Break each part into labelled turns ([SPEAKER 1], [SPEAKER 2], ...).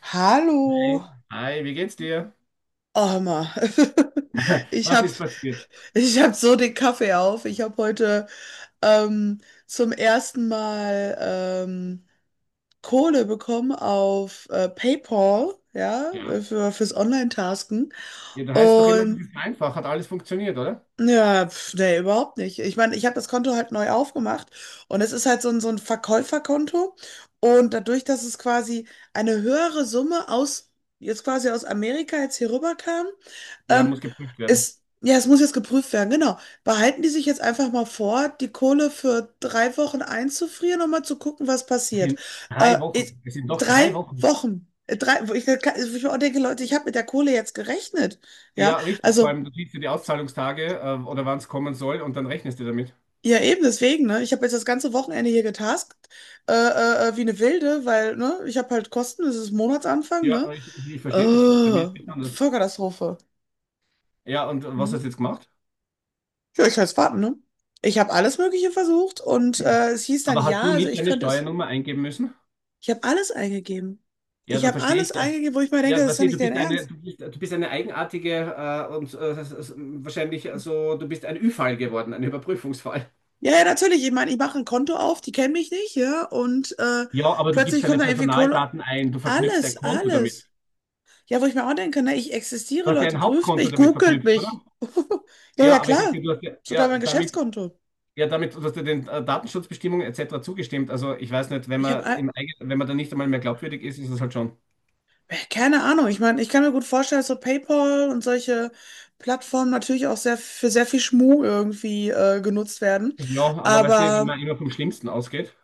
[SPEAKER 1] Hallo,
[SPEAKER 2] Hey. Hi, wie geht's dir?
[SPEAKER 1] Armer. Ich
[SPEAKER 2] Was
[SPEAKER 1] habe
[SPEAKER 2] ist passiert?
[SPEAKER 1] ich hab so den Kaffee auf. Ich habe heute ähm, zum ersten Mal Kohle bekommen auf PayPal, ja,
[SPEAKER 2] Ja.
[SPEAKER 1] fürs Online-Tasken.
[SPEAKER 2] Ja, da heißt doch immer, das
[SPEAKER 1] Und
[SPEAKER 2] ist einfach. Hat alles funktioniert, oder?
[SPEAKER 1] ja, pf, nee, überhaupt nicht. Ich meine, ich habe das Konto halt neu aufgemacht, und es ist halt so ein Verkäuferkonto. Und dadurch, dass es quasi eine höhere Summe jetzt quasi aus Amerika jetzt hier rüber kam.
[SPEAKER 2] Ja,
[SPEAKER 1] Ähm,
[SPEAKER 2] muss geprüft werden.
[SPEAKER 1] es, ja, es muss jetzt geprüft werden, genau. Behalten die sich jetzt einfach mal vor, die Kohle für drei Wochen einzufrieren, um mal zu gucken, was
[SPEAKER 2] Es
[SPEAKER 1] passiert.
[SPEAKER 2] sind drei
[SPEAKER 1] Äh, ich,
[SPEAKER 2] Wochen. Es sind doch drei
[SPEAKER 1] drei
[SPEAKER 2] Wochen.
[SPEAKER 1] Wochen. Wo wo ich mir auch denke, Leute, ich habe mit der Kohle jetzt gerechnet. Ja,
[SPEAKER 2] Ja, richtig. Vor
[SPEAKER 1] also,
[SPEAKER 2] allem, du siehst ja die Auszahlungstage, oder wann es kommen soll, und dann rechnest du damit.
[SPEAKER 1] ja, eben deswegen, ne? Ich habe jetzt das ganze Wochenende hier getaskt, wie eine Wilde, weil, ne, ich habe halt Kosten, es ist Monatsanfang, ne?
[SPEAKER 2] Ja, ich verstehe dich. Bei mir
[SPEAKER 1] Äh,
[SPEAKER 2] ist es anders.
[SPEAKER 1] Vollkatastrophe,
[SPEAKER 2] Ja, und was
[SPEAKER 1] ne?
[SPEAKER 2] hast du jetzt gemacht?
[SPEAKER 1] Ja, ich kann es warten, ne? Ich habe alles Mögliche versucht, und es hieß dann
[SPEAKER 2] Aber hast du
[SPEAKER 1] ja, also
[SPEAKER 2] nicht
[SPEAKER 1] ich
[SPEAKER 2] deine
[SPEAKER 1] könnte es.
[SPEAKER 2] Steuernummer eingeben müssen?
[SPEAKER 1] Ich habe alles eingegeben.
[SPEAKER 2] Ja,
[SPEAKER 1] Ich
[SPEAKER 2] da
[SPEAKER 1] habe
[SPEAKER 2] verstehe ich.
[SPEAKER 1] alles
[SPEAKER 2] Ja,
[SPEAKER 1] eingegeben, wo ich mir denke,
[SPEAKER 2] ja
[SPEAKER 1] das ist
[SPEAKER 2] weißt
[SPEAKER 1] doch
[SPEAKER 2] du,
[SPEAKER 1] nicht dein Ernst.
[SPEAKER 2] du bist eine eigenartige und wahrscheinlich so, du bist ein Ü-Fall geworden, ein Überprüfungsfall.
[SPEAKER 1] Ja, ja, natürlich. Ich meine, ich mache ein Konto auf, die kennen mich nicht, ja, und
[SPEAKER 2] Ja, aber du gibst
[SPEAKER 1] plötzlich
[SPEAKER 2] deine
[SPEAKER 1] kommt da irgendwie Kohle.
[SPEAKER 2] Personaldaten ein, du verknüpfst ein
[SPEAKER 1] Alles,
[SPEAKER 2] Konto damit.
[SPEAKER 1] alles. Ja, wo ich mir auch denke, ne, ich
[SPEAKER 2] Du
[SPEAKER 1] existiere,
[SPEAKER 2] hast ja
[SPEAKER 1] Leute,
[SPEAKER 2] ein
[SPEAKER 1] prüft
[SPEAKER 2] Hauptkonto
[SPEAKER 1] mich,
[SPEAKER 2] damit
[SPEAKER 1] googelt
[SPEAKER 2] verknüpft, oder?
[SPEAKER 1] mich. Ja,
[SPEAKER 2] Ja,
[SPEAKER 1] ja,
[SPEAKER 2] aber ich denke,
[SPEAKER 1] klar.
[SPEAKER 2] du hast ja,
[SPEAKER 1] Sogar mein Geschäftskonto.
[SPEAKER 2] ja, damit, du hast ja den Datenschutzbestimmungen etc. zugestimmt. Also ich weiß nicht,
[SPEAKER 1] Ich habe all-
[SPEAKER 2] wenn man da nicht einmal mehr glaubwürdig ist, ist es halt schon.
[SPEAKER 1] Keine Ahnung. Ich meine, ich kann mir gut vorstellen, dass so PayPal und solche Plattformen natürlich auch sehr für sehr viel Schmuh irgendwie genutzt werden.
[SPEAKER 2] Ja, aber weißt du, wenn
[SPEAKER 1] Aber
[SPEAKER 2] man immer vom Schlimmsten ausgeht,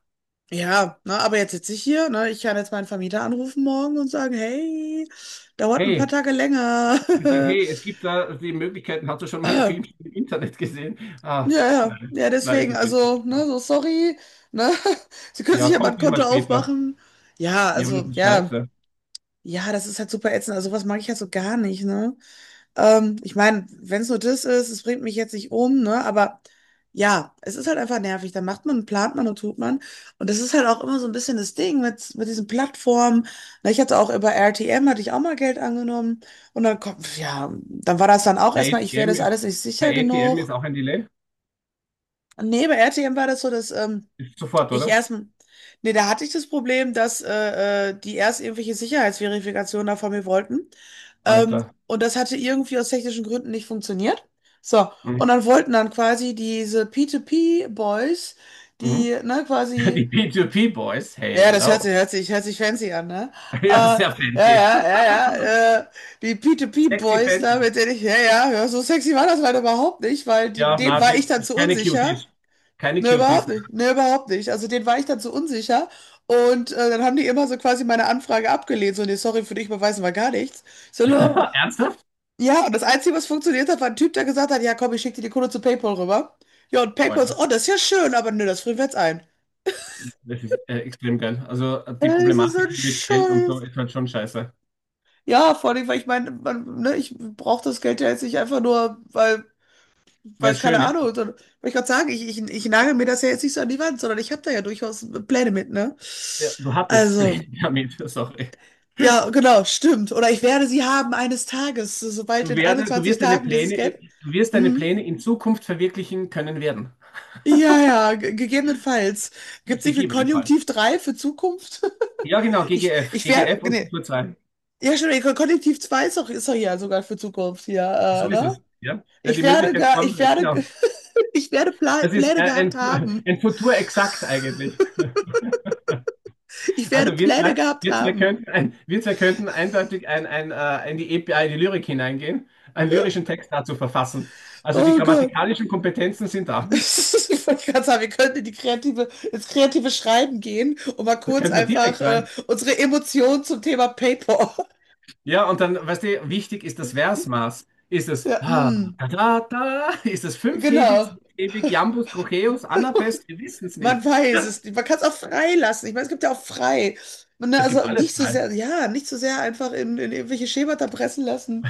[SPEAKER 1] ja, ne, aber jetzt sitze ich hier, ne? Ich kann jetzt meinen Vermieter anrufen morgen und sagen, hey, dauert ein paar
[SPEAKER 2] hey,
[SPEAKER 1] Tage
[SPEAKER 2] ich sag,
[SPEAKER 1] länger.
[SPEAKER 2] hey, es gibt da die Möglichkeiten, hast du schon mal einen
[SPEAKER 1] Äh,
[SPEAKER 2] Film im Internet gesehen? Ah,
[SPEAKER 1] Ja, ja,
[SPEAKER 2] nein,
[SPEAKER 1] ja,
[SPEAKER 2] nein, ist
[SPEAKER 1] deswegen,
[SPEAKER 2] es nicht.
[SPEAKER 1] also, ne, so sorry, ne? Sie können sich
[SPEAKER 2] Ja,
[SPEAKER 1] ja mal ein
[SPEAKER 2] kommt diesmal
[SPEAKER 1] Konto
[SPEAKER 2] später.
[SPEAKER 1] aufmachen.
[SPEAKER 2] Ja, aber das ist
[SPEAKER 1] Ja,
[SPEAKER 2] scheiße.
[SPEAKER 1] ja, das ist halt super ätzend. Also, was mag ich halt so gar nicht, ne? Ich meine, wenn es nur das ist, es bringt mich jetzt nicht um, ne? Aber ja, es ist halt einfach nervig. Dann macht man, plant man und tut man. Und das ist halt auch immer so ein bisschen das Ding mit diesen Plattformen. Na, ich hatte auch über RTM, hatte ich auch mal Geld angenommen. Und dann kommt, ja, dann war das dann auch
[SPEAKER 2] Bei
[SPEAKER 1] erstmal,
[SPEAKER 2] ATM
[SPEAKER 1] ich wäre das
[SPEAKER 2] ist,
[SPEAKER 1] alles nicht sicher
[SPEAKER 2] bei ATM
[SPEAKER 1] genug.
[SPEAKER 2] ist auch ein Delay.
[SPEAKER 1] Nee, bei RTM war das so,
[SPEAKER 2] Sofort,
[SPEAKER 1] ich
[SPEAKER 2] oder?
[SPEAKER 1] erst, nee, da hatte ich das Problem, dass die erst irgendwelche Sicherheitsverifikationen da von mir wollten.
[SPEAKER 2] Alter.
[SPEAKER 1] Und das hatte irgendwie aus technischen Gründen nicht funktioniert. So, und
[SPEAKER 2] Mhm.
[SPEAKER 1] dann wollten dann quasi diese P2P-Boys,
[SPEAKER 2] Mhm.
[SPEAKER 1] die, ne,
[SPEAKER 2] Die
[SPEAKER 1] quasi,
[SPEAKER 2] P2P-Boys,
[SPEAKER 1] ja, das hört
[SPEAKER 2] hello.
[SPEAKER 1] sich, hört sich, hört sich fancy an, ne? Äh,
[SPEAKER 2] Ja,
[SPEAKER 1] ja,
[SPEAKER 2] sehr fancy.
[SPEAKER 1] ja, ja, ja, äh, die
[SPEAKER 2] Sexy
[SPEAKER 1] P2P-Boys da,
[SPEAKER 2] fancy.
[SPEAKER 1] mit denen ich, ja, ja, ja, so sexy war das leider überhaupt nicht, weil die,
[SPEAKER 2] Ja,
[SPEAKER 1] denen
[SPEAKER 2] na,
[SPEAKER 1] war ich dann
[SPEAKER 2] das
[SPEAKER 1] zu
[SPEAKER 2] sind keine
[SPEAKER 1] unsicher.
[SPEAKER 2] Cuties. Keine
[SPEAKER 1] Ne, überhaupt
[SPEAKER 2] Cuties.
[SPEAKER 1] nicht. Ne, überhaupt nicht. Also den war ich dann so unsicher. Und dann haben die immer so quasi meine Anfrage abgelehnt. So, nee, sorry, für dich beweisen wir gar nichts. Ich so, no.
[SPEAKER 2] Ernsthaft?
[SPEAKER 1] Ja, und das Einzige, was funktioniert hat, war ein Typ, der gesagt hat, ja komm, ich schicke dir die Kohle zu PayPal rüber. Ja, und PayPal so,
[SPEAKER 2] Alter,
[SPEAKER 1] oh, das ist ja schön, aber nö, das frieren wir jetzt ein.
[SPEAKER 2] das ist extrem geil. Also die
[SPEAKER 1] Ey, ist ein
[SPEAKER 2] Problematik mit Geld und so
[SPEAKER 1] Scheiß.
[SPEAKER 2] ist halt schon scheiße.
[SPEAKER 1] Ja, vor allem, weil ich meine, man, ne, ich brauche das Geld ja jetzt nicht einfach nur, weil,
[SPEAKER 2] Weil
[SPEAKER 1] weil
[SPEAKER 2] es
[SPEAKER 1] keine
[SPEAKER 2] schön ist,
[SPEAKER 1] Ahnung, sondern, wollte ich gerade sagen, ich nagel mir das ja jetzt nicht so an die Wand, sondern ich habe da ja durchaus Pläne mit, ne?
[SPEAKER 2] ja, du hattest
[SPEAKER 1] Also.
[SPEAKER 2] Pläne damit, sorry.
[SPEAKER 1] Ja, genau, stimmt. Oder ich werde sie haben eines Tages, sobald
[SPEAKER 2] Du,
[SPEAKER 1] in
[SPEAKER 2] werde, du,
[SPEAKER 1] 21
[SPEAKER 2] wirst deine
[SPEAKER 1] Tagen dieses
[SPEAKER 2] Pläne,
[SPEAKER 1] Geld.
[SPEAKER 2] du wirst deine
[SPEAKER 1] Mhm.
[SPEAKER 2] Pläne in Zukunft verwirklichen können werden.
[SPEAKER 1] Ja, ja, gegebenenfalls. Gibt es nicht für
[SPEAKER 2] Gegebenenfalls.
[SPEAKER 1] Konjunktiv 3 für Zukunft?
[SPEAKER 2] Ja, genau, GGF. GGF und
[SPEAKER 1] Nee.
[SPEAKER 2] Futur 2.
[SPEAKER 1] Ja, stimmt, Konjunktiv 2 ist doch, ja sogar für Zukunft hier,
[SPEAKER 2] So ist
[SPEAKER 1] ne?
[SPEAKER 2] es, ja. Ja, die Möglichkeit
[SPEAKER 1] Ich
[SPEAKER 2] von,
[SPEAKER 1] werde,
[SPEAKER 2] genau.
[SPEAKER 1] ich werde Pla
[SPEAKER 2] Das ist
[SPEAKER 1] Pläne gehabt
[SPEAKER 2] ein,
[SPEAKER 1] haben.
[SPEAKER 2] ein Futur exakt eigentlich.
[SPEAKER 1] Ich werde
[SPEAKER 2] Also
[SPEAKER 1] Pläne gehabt haben.
[SPEAKER 2] wir zwei könnten eindeutig in die Lyrik hineingehen, einen lyrischen Text dazu verfassen. Also die
[SPEAKER 1] Oh Gott.
[SPEAKER 2] grammatikalischen Kompetenzen sind da.
[SPEAKER 1] Ich wollte gerade sagen, wir könnten in ins kreative Schreiben gehen und mal
[SPEAKER 2] Da
[SPEAKER 1] kurz
[SPEAKER 2] könnten wir
[SPEAKER 1] einfach
[SPEAKER 2] direkt rein.
[SPEAKER 1] unsere Emotionen zum Thema Paper.
[SPEAKER 2] Ja, und dann, weißt du, wichtig ist das Versmaß. Ist es
[SPEAKER 1] Ja,
[SPEAKER 2] ah,
[SPEAKER 1] mm,
[SPEAKER 2] da, da, da, ist es fünfhebig,
[SPEAKER 1] genau.
[SPEAKER 2] sechshebig, Jambus, Trocheus, Anapest? Wir wissen es
[SPEAKER 1] Man
[SPEAKER 2] nicht.
[SPEAKER 1] weiß es nicht. Man kann es auch frei lassen. Ich meine, es gibt ja auch frei. Ne,
[SPEAKER 2] Es gibt
[SPEAKER 1] also
[SPEAKER 2] alles
[SPEAKER 1] nicht so
[SPEAKER 2] frei.
[SPEAKER 1] sehr, ja, nicht so sehr einfach in irgendwelche Schemata pressen lassen.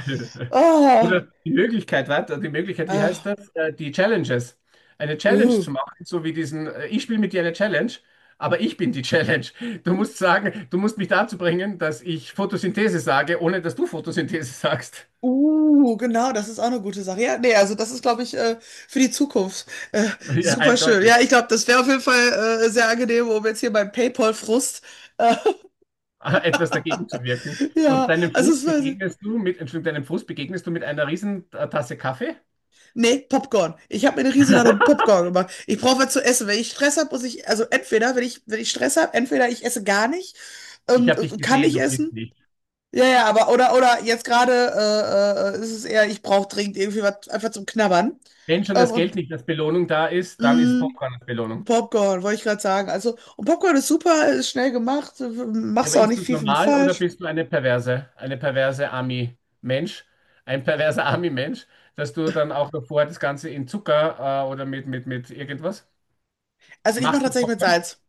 [SPEAKER 1] Ah,
[SPEAKER 2] Oder die Möglichkeit, warte, die Möglichkeit, wie heißt
[SPEAKER 1] ah,
[SPEAKER 2] das? Die Challenges. Eine Challenge
[SPEAKER 1] uh.
[SPEAKER 2] zu machen, so wie diesen, ich spiele mit dir eine Challenge, aber ich bin die Challenge. Du musst mich dazu bringen, dass ich Photosynthese sage, ohne dass du Photosynthese sagst.
[SPEAKER 1] Genau, das ist auch eine gute Sache. Ja, nee, also das ist, glaube ich, für die Zukunft äh,
[SPEAKER 2] Ja,
[SPEAKER 1] super schön.
[SPEAKER 2] eindeutig.
[SPEAKER 1] Ja, ich glaube, das wäre auf jeden Fall sehr angenehm, um jetzt hier beim PayPal-Frust. Äh,
[SPEAKER 2] Etwas dagegen zu wirken. Und
[SPEAKER 1] ja,
[SPEAKER 2] deinem
[SPEAKER 1] also
[SPEAKER 2] Frust
[SPEAKER 1] es war.
[SPEAKER 2] begegnest du mit, Entschuldigung, deinem Frust begegnest du mit einer riesen Tasse Kaffee.
[SPEAKER 1] Nee, Popcorn. Ich habe mir eine Riesenladung Popcorn gemacht. Ich brauche was zu essen. Wenn ich Stress habe, muss ich, also entweder, wenn ich Stress habe, entweder ich esse gar nicht,
[SPEAKER 2] Ich habe dich
[SPEAKER 1] kann
[SPEAKER 2] gesehen,
[SPEAKER 1] ich
[SPEAKER 2] du frisst
[SPEAKER 1] essen.
[SPEAKER 2] nicht.
[SPEAKER 1] Ja, ja, aber oder jetzt gerade ist es eher, ich brauche dringend irgendwie was einfach zum Knabbern.
[SPEAKER 2] Wenn schon
[SPEAKER 1] Ähm,
[SPEAKER 2] das Geld
[SPEAKER 1] und
[SPEAKER 2] nicht als Belohnung da ist, dann ist
[SPEAKER 1] mh,
[SPEAKER 2] Popcorn als Belohnung.
[SPEAKER 1] Popcorn, wollte ich gerade sagen. Also, und Popcorn ist super, ist schnell gemacht,
[SPEAKER 2] Ja,
[SPEAKER 1] machst
[SPEAKER 2] aber
[SPEAKER 1] du auch
[SPEAKER 2] isst du
[SPEAKER 1] nicht
[SPEAKER 2] es
[SPEAKER 1] viel mit
[SPEAKER 2] normal oder
[SPEAKER 1] falsch.
[SPEAKER 2] bist du eine perverse Ami-Mensch, ein perverser Ami-Mensch, dass du dann auch davor das Ganze in Zucker oder mit irgendwas
[SPEAKER 1] Also, ich mache
[SPEAKER 2] machst
[SPEAKER 1] tatsächlich
[SPEAKER 2] davor
[SPEAKER 1] mit
[SPEAKER 2] dann?
[SPEAKER 1] Salz.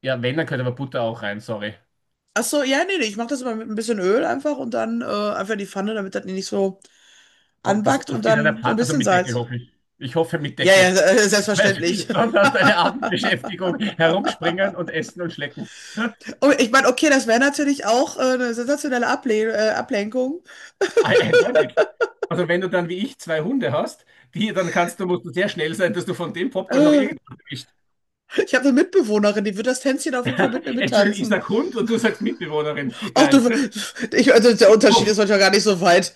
[SPEAKER 2] Ja, wenn, dann gehört aber Butter auch rein, sorry.
[SPEAKER 1] Ach so, ja, nee, nee, ich mache das immer mit ein bisschen Öl einfach und dann einfach in die Pfanne, damit das nicht so
[SPEAKER 2] Und das
[SPEAKER 1] anbackt, und
[SPEAKER 2] auch in einer
[SPEAKER 1] dann so ein
[SPEAKER 2] Also
[SPEAKER 1] bisschen
[SPEAKER 2] mit Deckel
[SPEAKER 1] Salz.
[SPEAKER 2] hoffe ich. Ich hoffe mit
[SPEAKER 1] Ja, ja,
[SPEAKER 2] Deckel. Weil
[SPEAKER 1] selbstverständlich.
[SPEAKER 2] sonst hast du eine Abendbeschäftigung, herumspringen und essen und schlecken.
[SPEAKER 1] Und ich meine, okay, das wäre natürlich auch eine sensationelle Ablenkung.
[SPEAKER 2] Eindeutig. Also wenn du dann wie ich zwei Hunde hast, die, dann kannst du, musst du sehr schnell sein, dass du von dem Popcorn noch
[SPEAKER 1] Äh,
[SPEAKER 2] irgendwas erwischt.
[SPEAKER 1] ich habe eine Mitbewohnerin, die wird das Tänzchen auf jeden Fall mit mir
[SPEAKER 2] Entschuldigung, ich
[SPEAKER 1] mittanzen.
[SPEAKER 2] sag Hund und du sagst Mitbewohnerin.
[SPEAKER 1] Ach
[SPEAKER 2] Geil.
[SPEAKER 1] du, ich, also der Unterschied ist manchmal gar nicht so weit.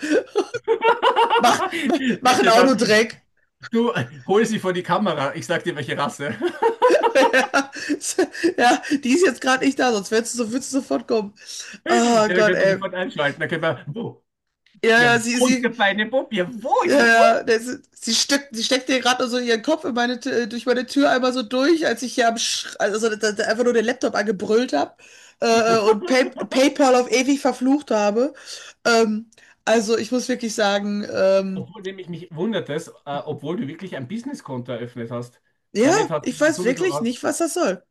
[SPEAKER 1] Mach einen
[SPEAKER 2] Bitte dann,
[SPEAKER 1] Autodreck.
[SPEAKER 2] du hol sie vor die Kamera. Ich sag dir, welche Rasse.
[SPEAKER 1] Ja, ja, die ist jetzt gerade nicht da, sonst würdest du sofort kommen. Oh
[SPEAKER 2] Ja, dann
[SPEAKER 1] Gott,
[SPEAKER 2] können wir
[SPEAKER 1] ey.
[SPEAKER 2] sofort einschalten. Dann können wir, wo?
[SPEAKER 1] Ja,
[SPEAKER 2] Ja,
[SPEAKER 1] ja, sie,
[SPEAKER 2] wo ist
[SPEAKER 1] sie,
[SPEAKER 2] der feine Bub? Ja, wo ist
[SPEAKER 1] ja,
[SPEAKER 2] der Bub?
[SPEAKER 1] ja, das, sie steckt dir gerade so ihren Kopf in meine, durch meine Tür einmal so durch, als ich hier am, Sch also so, da, da einfach nur den Laptop angebrüllt habe, PayPal auf ewig verflucht habe. Ähm, also ich muss wirklich sagen,
[SPEAKER 2] Obwohl nämlich mich wundert es, obwohl du wirklich ein Businesskonto eröffnet hast.
[SPEAKER 1] ja,
[SPEAKER 2] Damit hast
[SPEAKER 1] ich
[SPEAKER 2] du
[SPEAKER 1] weiß
[SPEAKER 2] sowieso,
[SPEAKER 1] wirklich nicht, was das soll.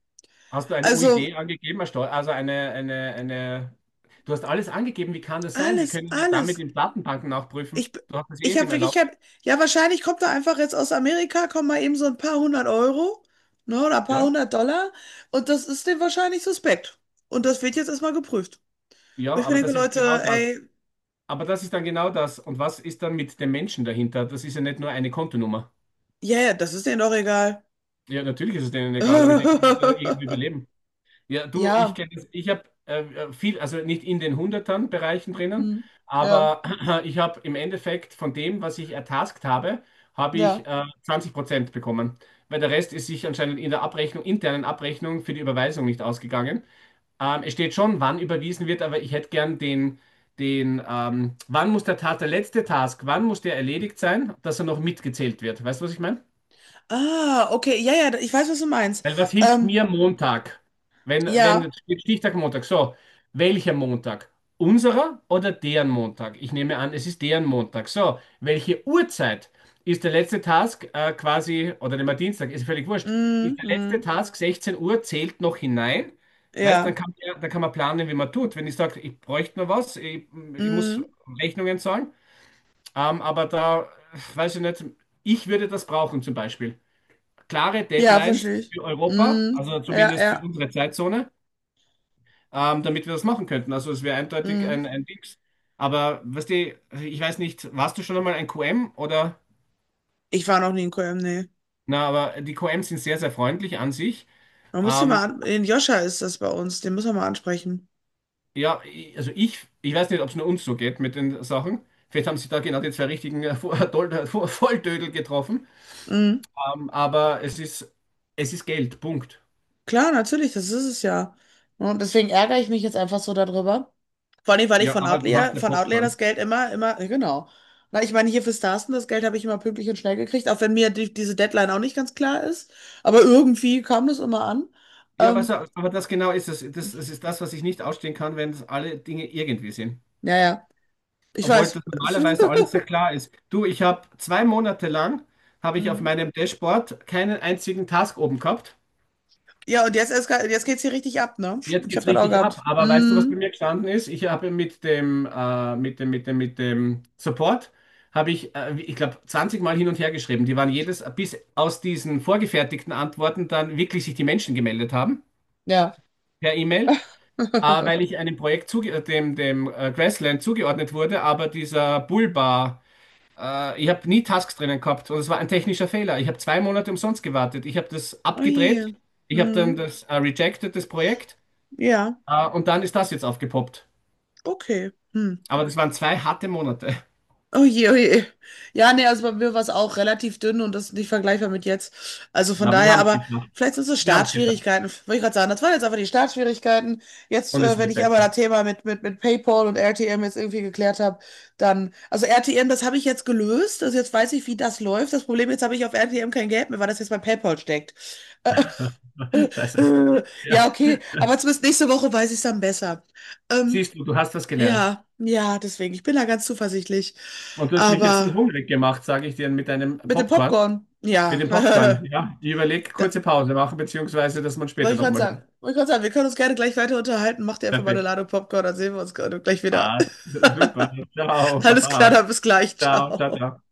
[SPEAKER 2] hast du eine UID
[SPEAKER 1] Also
[SPEAKER 2] angegeben, Herr Stoll? Also eine. Du hast alles angegeben. Wie kann das sein? Die
[SPEAKER 1] alles,
[SPEAKER 2] können ja damit
[SPEAKER 1] alles.
[SPEAKER 2] in Datenbanken nachprüfen.
[SPEAKER 1] Ich,
[SPEAKER 2] Du hast es eh
[SPEAKER 1] ich habe
[SPEAKER 2] dem
[SPEAKER 1] wirklich kein,
[SPEAKER 2] erlaubt.
[SPEAKER 1] ja, wahrscheinlich kommt er einfach jetzt aus Amerika, kommen mal eben so ein paar hundert Euro, ne, oder ein paar
[SPEAKER 2] Ja,
[SPEAKER 1] hundert Dollar, und das ist dem wahrscheinlich suspekt. Und das wird jetzt erstmal geprüft. Wo
[SPEAKER 2] ja,
[SPEAKER 1] ich mir
[SPEAKER 2] aber
[SPEAKER 1] denke,
[SPEAKER 2] das ist
[SPEAKER 1] Leute,
[SPEAKER 2] genau das.
[SPEAKER 1] ey,
[SPEAKER 2] Aber das ist dann genau das. Und was ist dann mit dem Menschen dahinter? Das ist ja nicht nur eine Kontonummer.
[SPEAKER 1] ja, yeah, das ist denen doch egal.
[SPEAKER 2] Ja, natürlich ist es denen egal, aber ich denke, man muss ja irgendwie überleben. Ja, du, ich
[SPEAKER 1] Ja,
[SPEAKER 2] kenne das. Ich habe viel, also nicht in den hundertern Bereichen drinnen,
[SPEAKER 1] hm, ja,
[SPEAKER 2] aber ich habe im Endeffekt von dem, was ich ertaskt habe, habe ich
[SPEAKER 1] ja.
[SPEAKER 2] 20% bekommen, weil der Rest ist sich anscheinend in der Abrechnung, internen Abrechnung für die Überweisung nicht ausgegangen. Es steht schon, wann überwiesen wird, aber ich hätte gern den, den wann muss der Tat, der letzte Task, wann muss der erledigt sein, dass er noch mitgezählt wird. Weißt du, was ich meine?
[SPEAKER 1] Ah, okay, ja, ja, ich weiß, was du meinst.
[SPEAKER 2] Weil was hilft
[SPEAKER 1] Ähm,
[SPEAKER 2] mir Montag? Wenn,
[SPEAKER 1] ja,
[SPEAKER 2] wenn steht Stichtag Montag. So, welcher Montag? Unserer oder deren Montag? Ich nehme an, es ist deren Montag. So, welche Uhrzeit ist der letzte Task quasi, oder nehmen wir Dienstag, ist völlig wurscht. Ist
[SPEAKER 1] mm,
[SPEAKER 2] der letzte Task 16 Uhr, zählt noch hinein? Weißt,
[SPEAKER 1] ja,
[SPEAKER 2] dann kann man planen, wie man tut. Wenn ich sage, ich bräuchte noch was, ich muss
[SPEAKER 1] mm,
[SPEAKER 2] Rechnungen zahlen, aber da, weiß ich nicht, ich würde das brauchen zum Beispiel klare
[SPEAKER 1] ja,
[SPEAKER 2] Deadlines
[SPEAKER 1] verstehe ich.
[SPEAKER 2] für Europa,
[SPEAKER 1] Mm,
[SPEAKER 2] also
[SPEAKER 1] ja,
[SPEAKER 2] zumindest für
[SPEAKER 1] ja,
[SPEAKER 2] unsere Zeitzone, damit wir das machen könnten. Also es wäre eindeutig
[SPEAKER 1] mm.
[SPEAKER 2] ein Dings. Aber weißt du, ich weiß nicht, warst du schon einmal ein QM oder?
[SPEAKER 1] Ich war noch nie in Köln, nee.
[SPEAKER 2] Na, aber die QM sind sehr, sehr freundlich an sich.
[SPEAKER 1] Man muss den
[SPEAKER 2] Ähm,
[SPEAKER 1] mal an, den Joscha ist das bei uns, den müssen wir mal ansprechen.
[SPEAKER 2] ja, also ich weiß nicht, ob es nur uns so geht mit den Sachen. Vielleicht haben sie da genau die zwei richtigen Volltödel getroffen.
[SPEAKER 1] Mhm.
[SPEAKER 2] Aber es ist, Geld, Punkt.
[SPEAKER 1] Klar, natürlich, das ist es ja. Und deswegen ärgere ich mich jetzt einfach so darüber. Vor allem, weil ich
[SPEAKER 2] Ja, aber du hast ja
[SPEAKER 1] Von Outlier das
[SPEAKER 2] Popcorn.
[SPEAKER 1] Geld immer, genau. Na, ich meine, hier für Starsten, das Geld habe ich immer pünktlich und schnell gekriegt, auch wenn mir diese Deadline auch nicht ganz klar ist. Aber irgendwie kam das immer an.
[SPEAKER 2] Ja, aber,
[SPEAKER 1] Ähm,
[SPEAKER 2] so, aber das genau ist es. Das ist das, was ich nicht ausstehen kann, wenn es alle Dinge irgendwie sind.
[SPEAKER 1] naja, ich
[SPEAKER 2] Obwohl
[SPEAKER 1] weiß.
[SPEAKER 2] das normalerweise alles sehr klar ist. Du, ich habe zwei Monate lang, habe ich auf
[SPEAKER 1] Mhm.
[SPEAKER 2] meinem Dashboard keinen einzigen Task oben gehabt.
[SPEAKER 1] Ja, und jetzt, jetzt geht's hier richtig ab, ne?
[SPEAKER 2] Jetzt
[SPEAKER 1] Ich habe
[SPEAKER 2] geht's
[SPEAKER 1] das auch
[SPEAKER 2] richtig ab.
[SPEAKER 1] gehabt.
[SPEAKER 2] Aber weißt du, was bei
[SPEAKER 1] Mhm.
[SPEAKER 2] mir gestanden ist? Ich habe mit dem Support, habe ich, ich glaube, 20 Mal hin und her geschrieben. Die waren jedes, bis aus diesen vorgefertigten Antworten dann wirklich sich die Menschen gemeldet haben
[SPEAKER 1] Ja.
[SPEAKER 2] per E-Mail. Weil ich einem Projekt zuge dem, dem Grassland zugeordnet wurde, aber dieser Bullbar, ich habe nie Tasks drinnen gehabt und es war ein technischer Fehler. Ich habe zwei Monate umsonst gewartet. Ich habe das
[SPEAKER 1] Oh
[SPEAKER 2] abgedreht,
[SPEAKER 1] je.
[SPEAKER 2] ich habe
[SPEAKER 1] Mhm.
[SPEAKER 2] dann das rejected, das Projekt,
[SPEAKER 1] Ja,
[SPEAKER 2] und dann ist das jetzt aufgepoppt.
[SPEAKER 1] okay. Hm.
[SPEAKER 2] Aber das waren zwei harte Monate.
[SPEAKER 1] Oh je, oh je. Ja, nee, also bei mir war es auch relativ dünn, und das ist nicht vergleichbar mit jetzt. Also von
[SPEAKER 2] Na, wir
[SPEAKER 1] daher,
[SPEAKER 2] haben es
[SPEAKER 1] aber
[SPEAKER 2] geschafft.
[SPEAKER 1] vielleicht sind es so
[SPEAKER 2] Wir haben es geschafft.
[SPEAKER 1] Startschwierigkeiten, wollte ich gerade sagen. Das waren jetzt einfach die Startschwierigkeiten. Jetzt,
[SPEAKER 2] Und es
[SPEAKER 1] wenn
[SPEAKER 2] wird
[SPEAKER 1] ich einmal
[SPEAKER 2] besser.
[SPEAKER 1] das Thema mit PayPal und RTM jetzt irgendwie geklärt habe, dann, also RTM, das habe ich jetzt gelöst. Also jetzt weiß ich, wie das läuft. Das Problem jetzt habe ich auf RTM kein Geld mehr, weil das jetzt bei PayPal steckt.
[SPEAKER 2] Scheiße. Ja.
[SPEAKER 1] Ja, okay, aber zumindest nächste Woche weiß ich es dann besser. Ähm,
[SPEAKER 2] Siehst du, du hast was gelernt.
[SPEAKER 1] Ja, ja, deswegen. Ich bin da ganz zuversichtlich.
[SPEAKER 2] Und du hast mich jetzt so
[SPEAKER 1] Aber
[SPEAKER 2] hungrig gemacht, sage ich dir, mit deinem
[SPEAKER 1] mit dem
[SPEAKER 2] Popcorn.
[SPEAKER 1] Popcorn,
[SPEAKER 2] Mit
[SPEAKER 1] ja.
[SPEAKER 2] dem Popcorn, ja. Ich überlege,
[SPEAKER 1] Da,
[SPEAKER 2] kurze Pause machen, beziehungsweise, dass man
[SPEAKER 1] wollte
[SPEAKER 2] später
[SPEAKER 1] ich gerade
[SPEAKER 2] nochmal hört.
[SPEAKER 1] sagen. Wollte ich gerade sagen, wir können uns gerne gleich weiter unterhalten. Mach dir einfach mal eine
[SPEAKER 2] Perfekt.
[SPEAKER 1] Ladung Popcorn, dann sehen wir uns gerade gleich wieder.
[SPEAKER 2] Ah, super. Ciao,
[SPEAKER 1] Alles klar,
[SPEAKER 2] Papa.
[SPEAKER 1] dann bis gleich.
[SPEAKER 2] Ciao, ciao,
[SPEAKER 1] Ciao.
[SPEAKER 2] ciao.